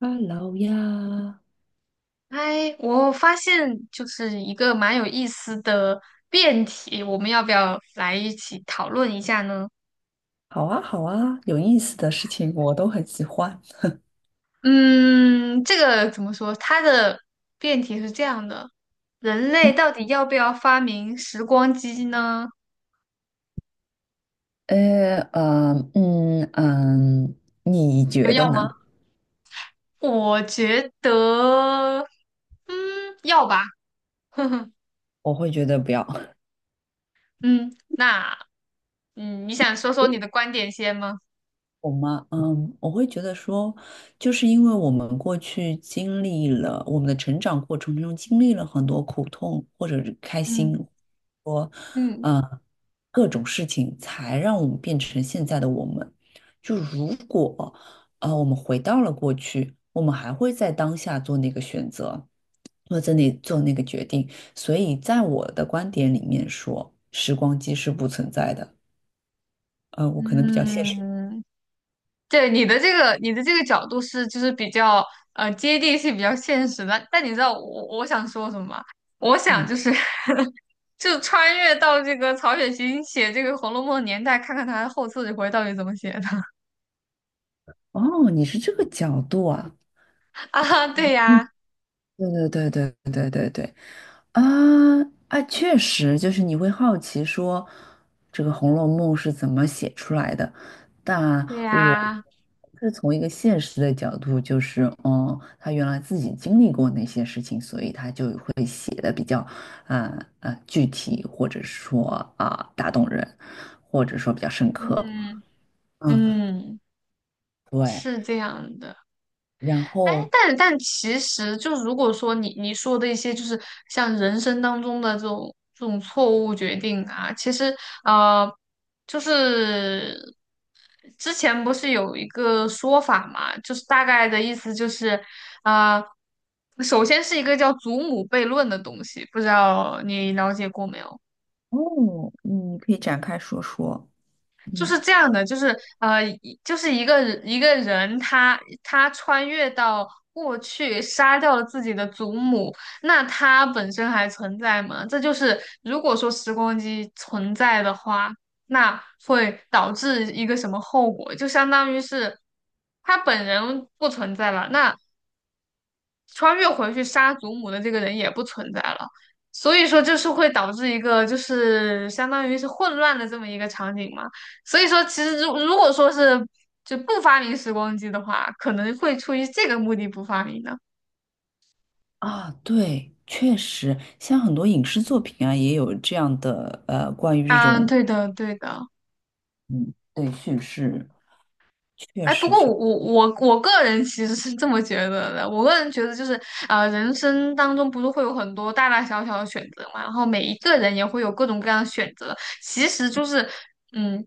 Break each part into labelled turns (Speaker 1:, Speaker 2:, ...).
Speaker 1: h e 呀，
Speaker 2: 哎，我发现就是一个蛮有意思的辩题，我们要不要来一起讨论一下呢？
Speaker 1: 好啊，好啊，有意思的事情我都很喜欢。
Speaker 2: 嗯，这个怎么说？它的辩题是这样的：人类到底要不要发明时光机呢？
Speaker 1: 嗯，嗯，嗯嗯，你
Speaker 2: 你觉
Speaker 1: 觉
Speaker 2: 得
Speaker 1: 得
Speaker 2: 要吗？
Speaker 1: 呢？
Speaker 2: 我觉得，嗯，要吧。呵呵，
Speaker 1: 我会觉得不要。
Speaker 2: 嗯，那，你想说说你的观点先吗？
Speaker 1: 我吗？嗯，我会觉得说，就是因为我们过去经历了我们的成长过程中经历了很多苦痛或者是开心，
Speaker 2: 嗯
Speaker 1: 说，
Speaker 2: 嗯
Speaker 1: 呃，各种事情，才让我们变成现在的我们。就如果，啊，我们回到了过去，我们还会在当下做那个选择，或者做那个决定。所以，在我的观点里面说，时光机是不存在的。我可能比较现实。
Speaker 2: 嗯。对你的这个角度是就是比较接地气、比较现实的。但你知道我想说什么吗？我想
Speaker 1: 嗯。
Speaker 2: 就是 就穿越到这个曹雪芹写这个《红楼梦》的年代，看看他后四十回到底怎么写的
Speaker 1: 哦，你是这个角度啊。
Speaker 2: 啊？对呀，
Speaker 1: 嗯，对对对对对对对啊啊，确实就是你会好奇说这个《红楼梦》是怎么写出来的，但
Speaker 2: 对
Speaker 1: 我
Speaker 2: 呀，
Speaker 1: 是从一个现实的角度，就是嗯，他原来自己经历过那些事情，所以他就会写的比较啊具体，或者说打动人，或者说比较深刻。
Speaker 2: 嗯
Speaker 1: 嗯，
Speaker 2: 嗯，
Speaker 1: 对，
Speaker 2: 是这样的。
Speaker 1: 然
Speaker 2: 哎，
Speaker 1: 后
Speaker 2: 但其实就如果说你说的一些就是像人生当中的这种错误决定啊，其实呃，就是之前不是有一个说法嘛，就是大概的意思就是啊，首先是一个叫祖母悖论的东西，不知道你了解过没有？
Speaker 1: 哦，你可以展开说说。
Speaker 2: 就
Speaker 1: 嗯
Speaker 2: 是这样的，就是就是一个人他穿越到过去，杀掉了自己的祖母，那他本身还存在吗？这就是如果说时光机存在的话，那会导致一个什么后果？就相当于是他本人不存在了，那穿越回去杀祖母的这个人也不存在了，所以说就是会导致一个就是相当于是混乱的这么一个场景嘛。所以说，其实如果说是就不发明时光机的话，可能会出于这个目的不发明的。
Speaker 1: 啊，对，确实，像很多影视作品啊，也有这样的关于这
Speaker 2: 嗯，
Speaker 1: 种
Speaker 2: 对的，对的。
Speaker 1: 嗯，对叙事，确
Speaker 2: 哎，不
Speaker 1: 实
Speaker 2: 过
Speaker 1: 确
Speaker 2: 我个人其实是这么觉得的。我个人觉得就是，人生当中不是会有很多大大小小的选择嘛，然后每一个人也会有各种各样的选择。其实就是，嗯。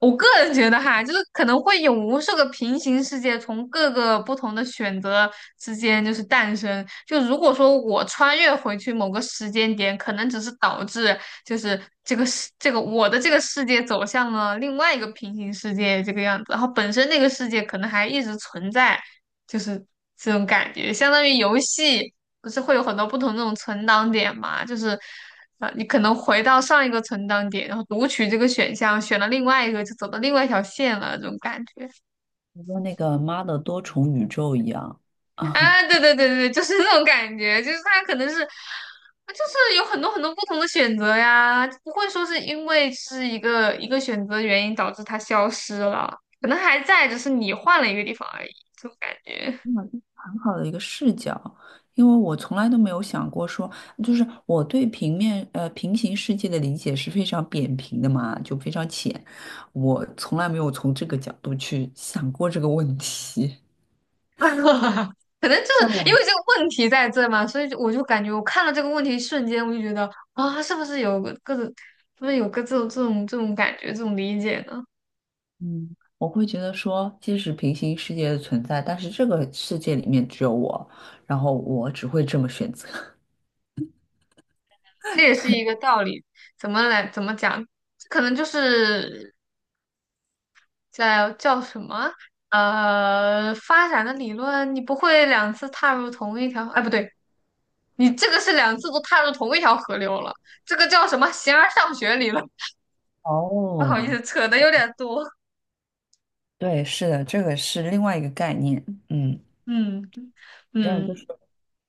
Speaker 2: 我个人觉得哈，就是可能会有无数个平行世界从各个不同的选择之间就是诞生。就如果说我穿越回去某个时间点，可能只是导致就是这个世这个我的这个世界走向了另外一个平行世界这个样子，然后本身那个世界可能还一直存在，就是这种感觉，相当于游戏不是会有很多不同那种存档点嘛？就是你可能回到上一个存档点，然后读取这个选项，选了另外一个，就走到另外一条线了，这种感觉
Speaker 1: 实跟那个《妈的多重宇宙》一样啊，
Speaker 2: 啊，对对对对，就是那种感觉，就是它可能是。就是有很多很多不同的选择呀，不会说是因为是一个一个选择原因导致它消失了，可能还在，只是你换了一个地方而已，这种感觉。
Speaker 1: 嗯很好的一个视角，因为我从来都没有想过说，就是我对平行世界的理解是非常扁平的嘛，就非常浅，我从来没有从这个角度去想过这个问题。像
Speaker 2: 因
Speaker 1: 我。
Speaker 2: 为这个问题在这嘛，所以就我就感觉我看到这个问题瞬间，我就觉得啊，是不是有个这种感觉，这种理解呢？
Speaker 1: 嗯，我会觉得说，即使平行世界的存在，但是这个世界里面只有我，然后我只会这么选择。
Speaker 2: 这也是一个道理，怎么讲？可能就是在叫什么发展的理论，你不会两次踏入同一条，哎，不对，你这个是两次都踏入同一条河流了，这个叫什么形而上学理论？不好意
Speaker 1: 哦，
Speaker 2: 思，扯的有点多，
Speaker 1: 对，是的，这个是另外一个概念。嗯，
Speaker 2: 嗯
Speaker 1: 这样就是。
Speaker 2: 嗯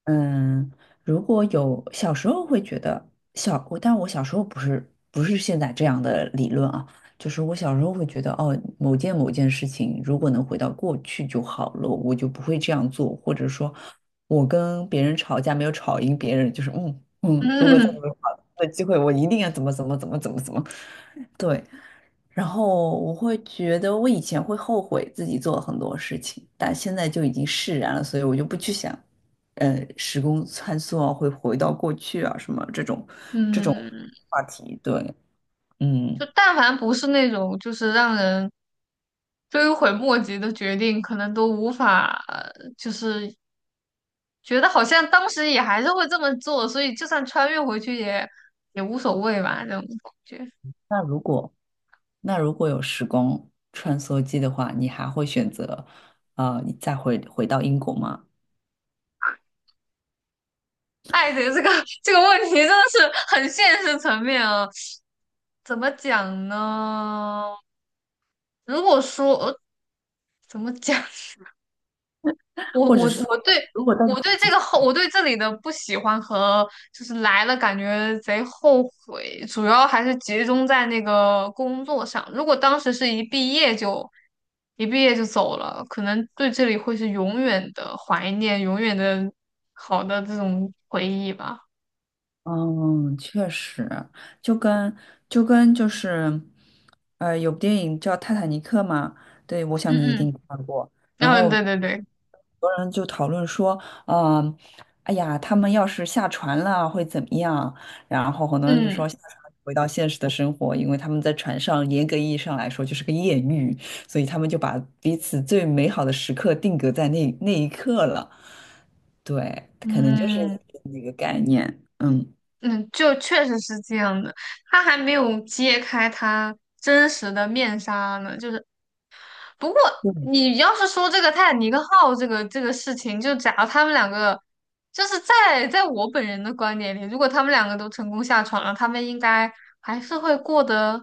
Speaker 1: 嗯，如果有小时候会觉得小，但我小时候不是现在这样的理论啊，就是我小时候会觉得哦，某件事情如果能回到过去就好了，我就不会这样做，或者说，我跟别人吵架没有吵赢别人，就是如果再
Speaker 2: 嗯。
Speaker 1: 有好的机会，我一定要怎么怎么怎么怎么怎么，对，然后我会觉得，我以前会后悔自己做了很多事情，但现在就已经释然了，所以我就不去想，时空穿梭啊，会回到过去啊，什么这种
Speaker 2: 嗯
Speaker 1: 话题。对，
Speaker 2: 就
Speaker 1: 嗯，
Speaker 2: 但凡不是那种就是让人追悔莫及的决定，可能都无法，就是觉得好像当时也还是会这么做，所以就算穿越回去也无所谓吧，这种感觉。
Speaker 1: 那如果有时光穿梭机的话，你还会选择，再回到英国吗？
Speaker 2: 爱的这个 这个问题真的是很现实层面啊，怎么讲呢？如果说，怎么讲？我
Speaker 1: 或者
Speaker 2: 我
Speaker 1: 是说，
Speaker 2: 我对
Speaker 1: 如果到你
Speaker 2: 我对这里的不喜欢和就是来了感觉贼后悔，主要还是集中在那个工作上。如果当时是一毕业就走了，可能对这里会是永远的怀念，永远的好的这种回忆吧。
Speaker 1: 嗯，确实，就跟就跟就是，有部电影叫《泰坦尼克》嘛，对，我想你一
Speaker 2: 嗯
Speaker 1: 定看过。然
Speaker 2: 嗯，嗯，
Speaker 1: 后
Speaker 2: 对对对，
Speaker 1: 很多人就讨论说，嗯，哎呀，他们要是下船了会怎么样？然后很多人就
Speaker 2: 嗯
Speaker 1: 说下船回到现实的生活，因为他们在船上严格意义上来说就是个艳遇，所以他们就把彼此最美好的时刻定格在那一刻了。对，可能就是
Speaker 2: 嗯
Speaker 1: 那个概念，嗯。
Speaker 2: 嗯，就确实是这样的。他还没有揭开他真实的面纱呢，就是不过你要是说这个泰坦尼克号这个事情，就假如他们两个，就是在我本人的观点里，如果他们两个都成功下船了，他们应该还是会过得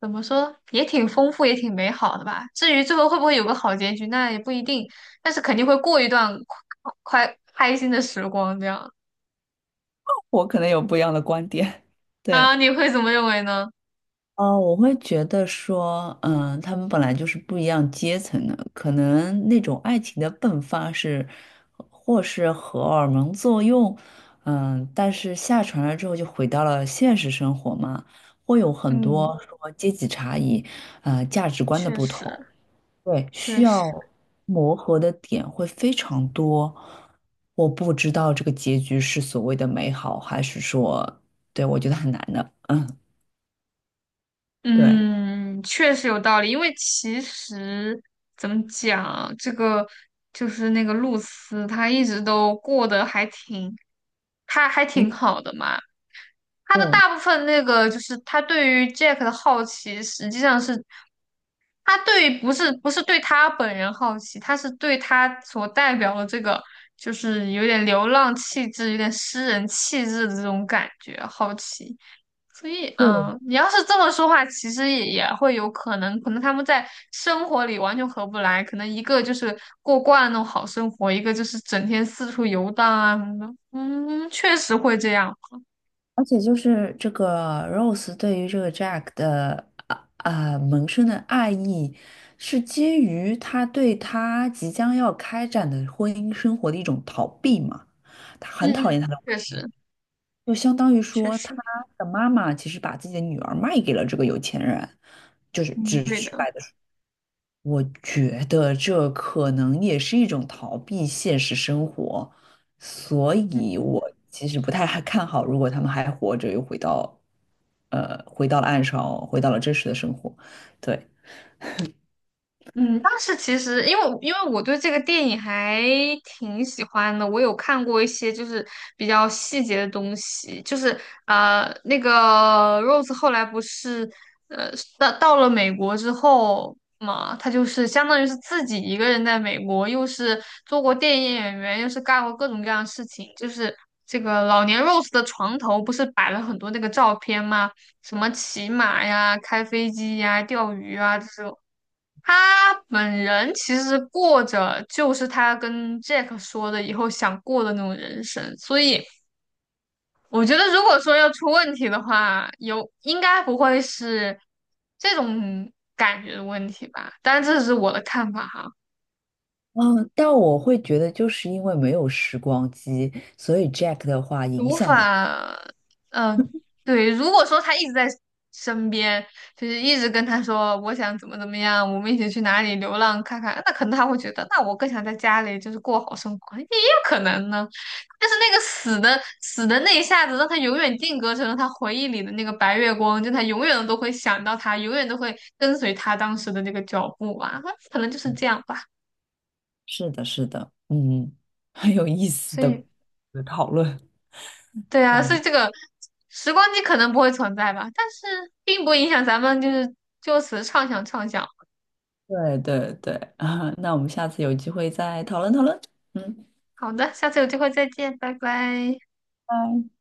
Speaker 2: 怎么说，也挺丰富，也挺美好的吧。至于最后会不会有个好结局，那也不一定，但是肯定会过一段快开心的时光这样。
Speaker 1: 我可能有不一样的观点。
Speaker 2: 啊，
Speaker 1: 对，
Speaker 2: 你会怎么认为呢？
Speaker 1: 啊，我会觉得说，嗯，他们本来就是不一样阶层的，可能那种爱情的迸发是，或是荷尔蒙作用，嗯，但是下船了之后就回到了现实生活嘛，会有很
Speaker 2: 嗯，
Speaker 1: 多说阶级差异，价值观的
Speaker 2: 确
Speaker 1: 不同。
Speaker 2: 实，
Speaker 1: 对，
Speaker 2: 确
Speaker 1: 需
Speaker 2: 实。
Speaker 1: 要磨合的点会非常多。我不知道这个结局是所谓的美好，还是说，对，我觉得很难的。嗯，对，
Speaker 2: 嗯，确实有道理，因为其实怎么讲，这个就是那个露丝，她一直都过得还挺，她还挺
Speaker 1: 因
Speaker 2: 好的嘛。她的
Speaker 1: 对
Speaker 2: 大部分那个就是她对于 Jack 的好奇，实际上是她对于不是不是对他本人好奇，她是对他所代表的这个就是有点流浪气质、有点诗人气质的这种感觉好奇。所以，
Speaker 1: 对，
Speaker 2: 你要是这么说话，其实也会有可能，可能他们在生活里完全合不来，可能一个就是过惯了那种好生活，一个就是整天四处游荡啊什么的。嗯，确实会这样。
Speaker 1: 而且就是这个 Rose 对于这个 Jack 的萌生的爱意，是基于他对他即将要开展的婚姻生活的一种逃避嘛？他很
Speaker 2: 嗯
Speaker 1: 讨厌
Speaker 2: 嗯，
Speaker 1: 他的。
Speaker 2: 确实
Speaker 1: 就相当于
Speaker 2: 确
Speaker 1: 说，他
Speaker 2: 实，
Speaker 1: 的妈妈其实把自己的女儿卖给了这个有钱人，就是
Speaker 2: 嗯，
Speaker 1: 直
Speaker 2: 对
Speaker 1: 直
Speaker 2: 的。
Speaker 1: 白的说，我觉得这可能也是一种逃避现实生活，所以我其实不太还看好，如果他们还活着，又回到，回到了岸上，回到了真实的生活，对。
Speaker 2: 嗯，当时其实因为我对这个电影还挺喜欢的，我有看过一些就是比较细节的东西，就是那个 Rose 后来不是呃到了美国之后嘛，她就是相当于是自己一个人在美国，又是做过电影演员，又是干过各种各样的事情，就是这个老年 Rose 的床头不是摆了很多那个照片吗？什么骑马呀、开飞机呀、钓鱼啊这种。他本人其实过着就是他跟 Jack 说的以后想过的那种人生，所以我觉得如果说要出问题的话，有应该不会是这种感觉的问题吧，但这是我的看法哈。
Speaker 1: 嗯，但我会觉得，就是因为没有时光机，所以 Jack 的话影
Speaker 2: 无
Speaker 1: 响了他。
Speaker 2: 法，嗯、对，如果说他一直在身边，就是一直跟他说我想怎么怎么样，我们一起去哪里流浪看看，那可能他会觉得，那我更想在家里就是过好生活，也有可能呢。但是那个死的那一下子，让他永远定格成了他回忆里的那个白月光，就他永远都会想到他，永远都会跟随他当时的那个脚步啊，可能就是这样吧。
Speaker 1: 是的，是的，嗯，很有意思
Speaker 2: 所
Speaker 1: 的
Speaker 2: 以
Speaker 1: 讨论。
Speaker 2: 对啊，所以这个时光机可能不会存在吧，但是并不影响咱们就是就此畅想畅想。
Speaker 1: 对对对啊，那我们下次有机会再讨论讨论。嗯，
Speaker 2: 好的，下次有机会再见，拜拜。
Speaker 1: 拜。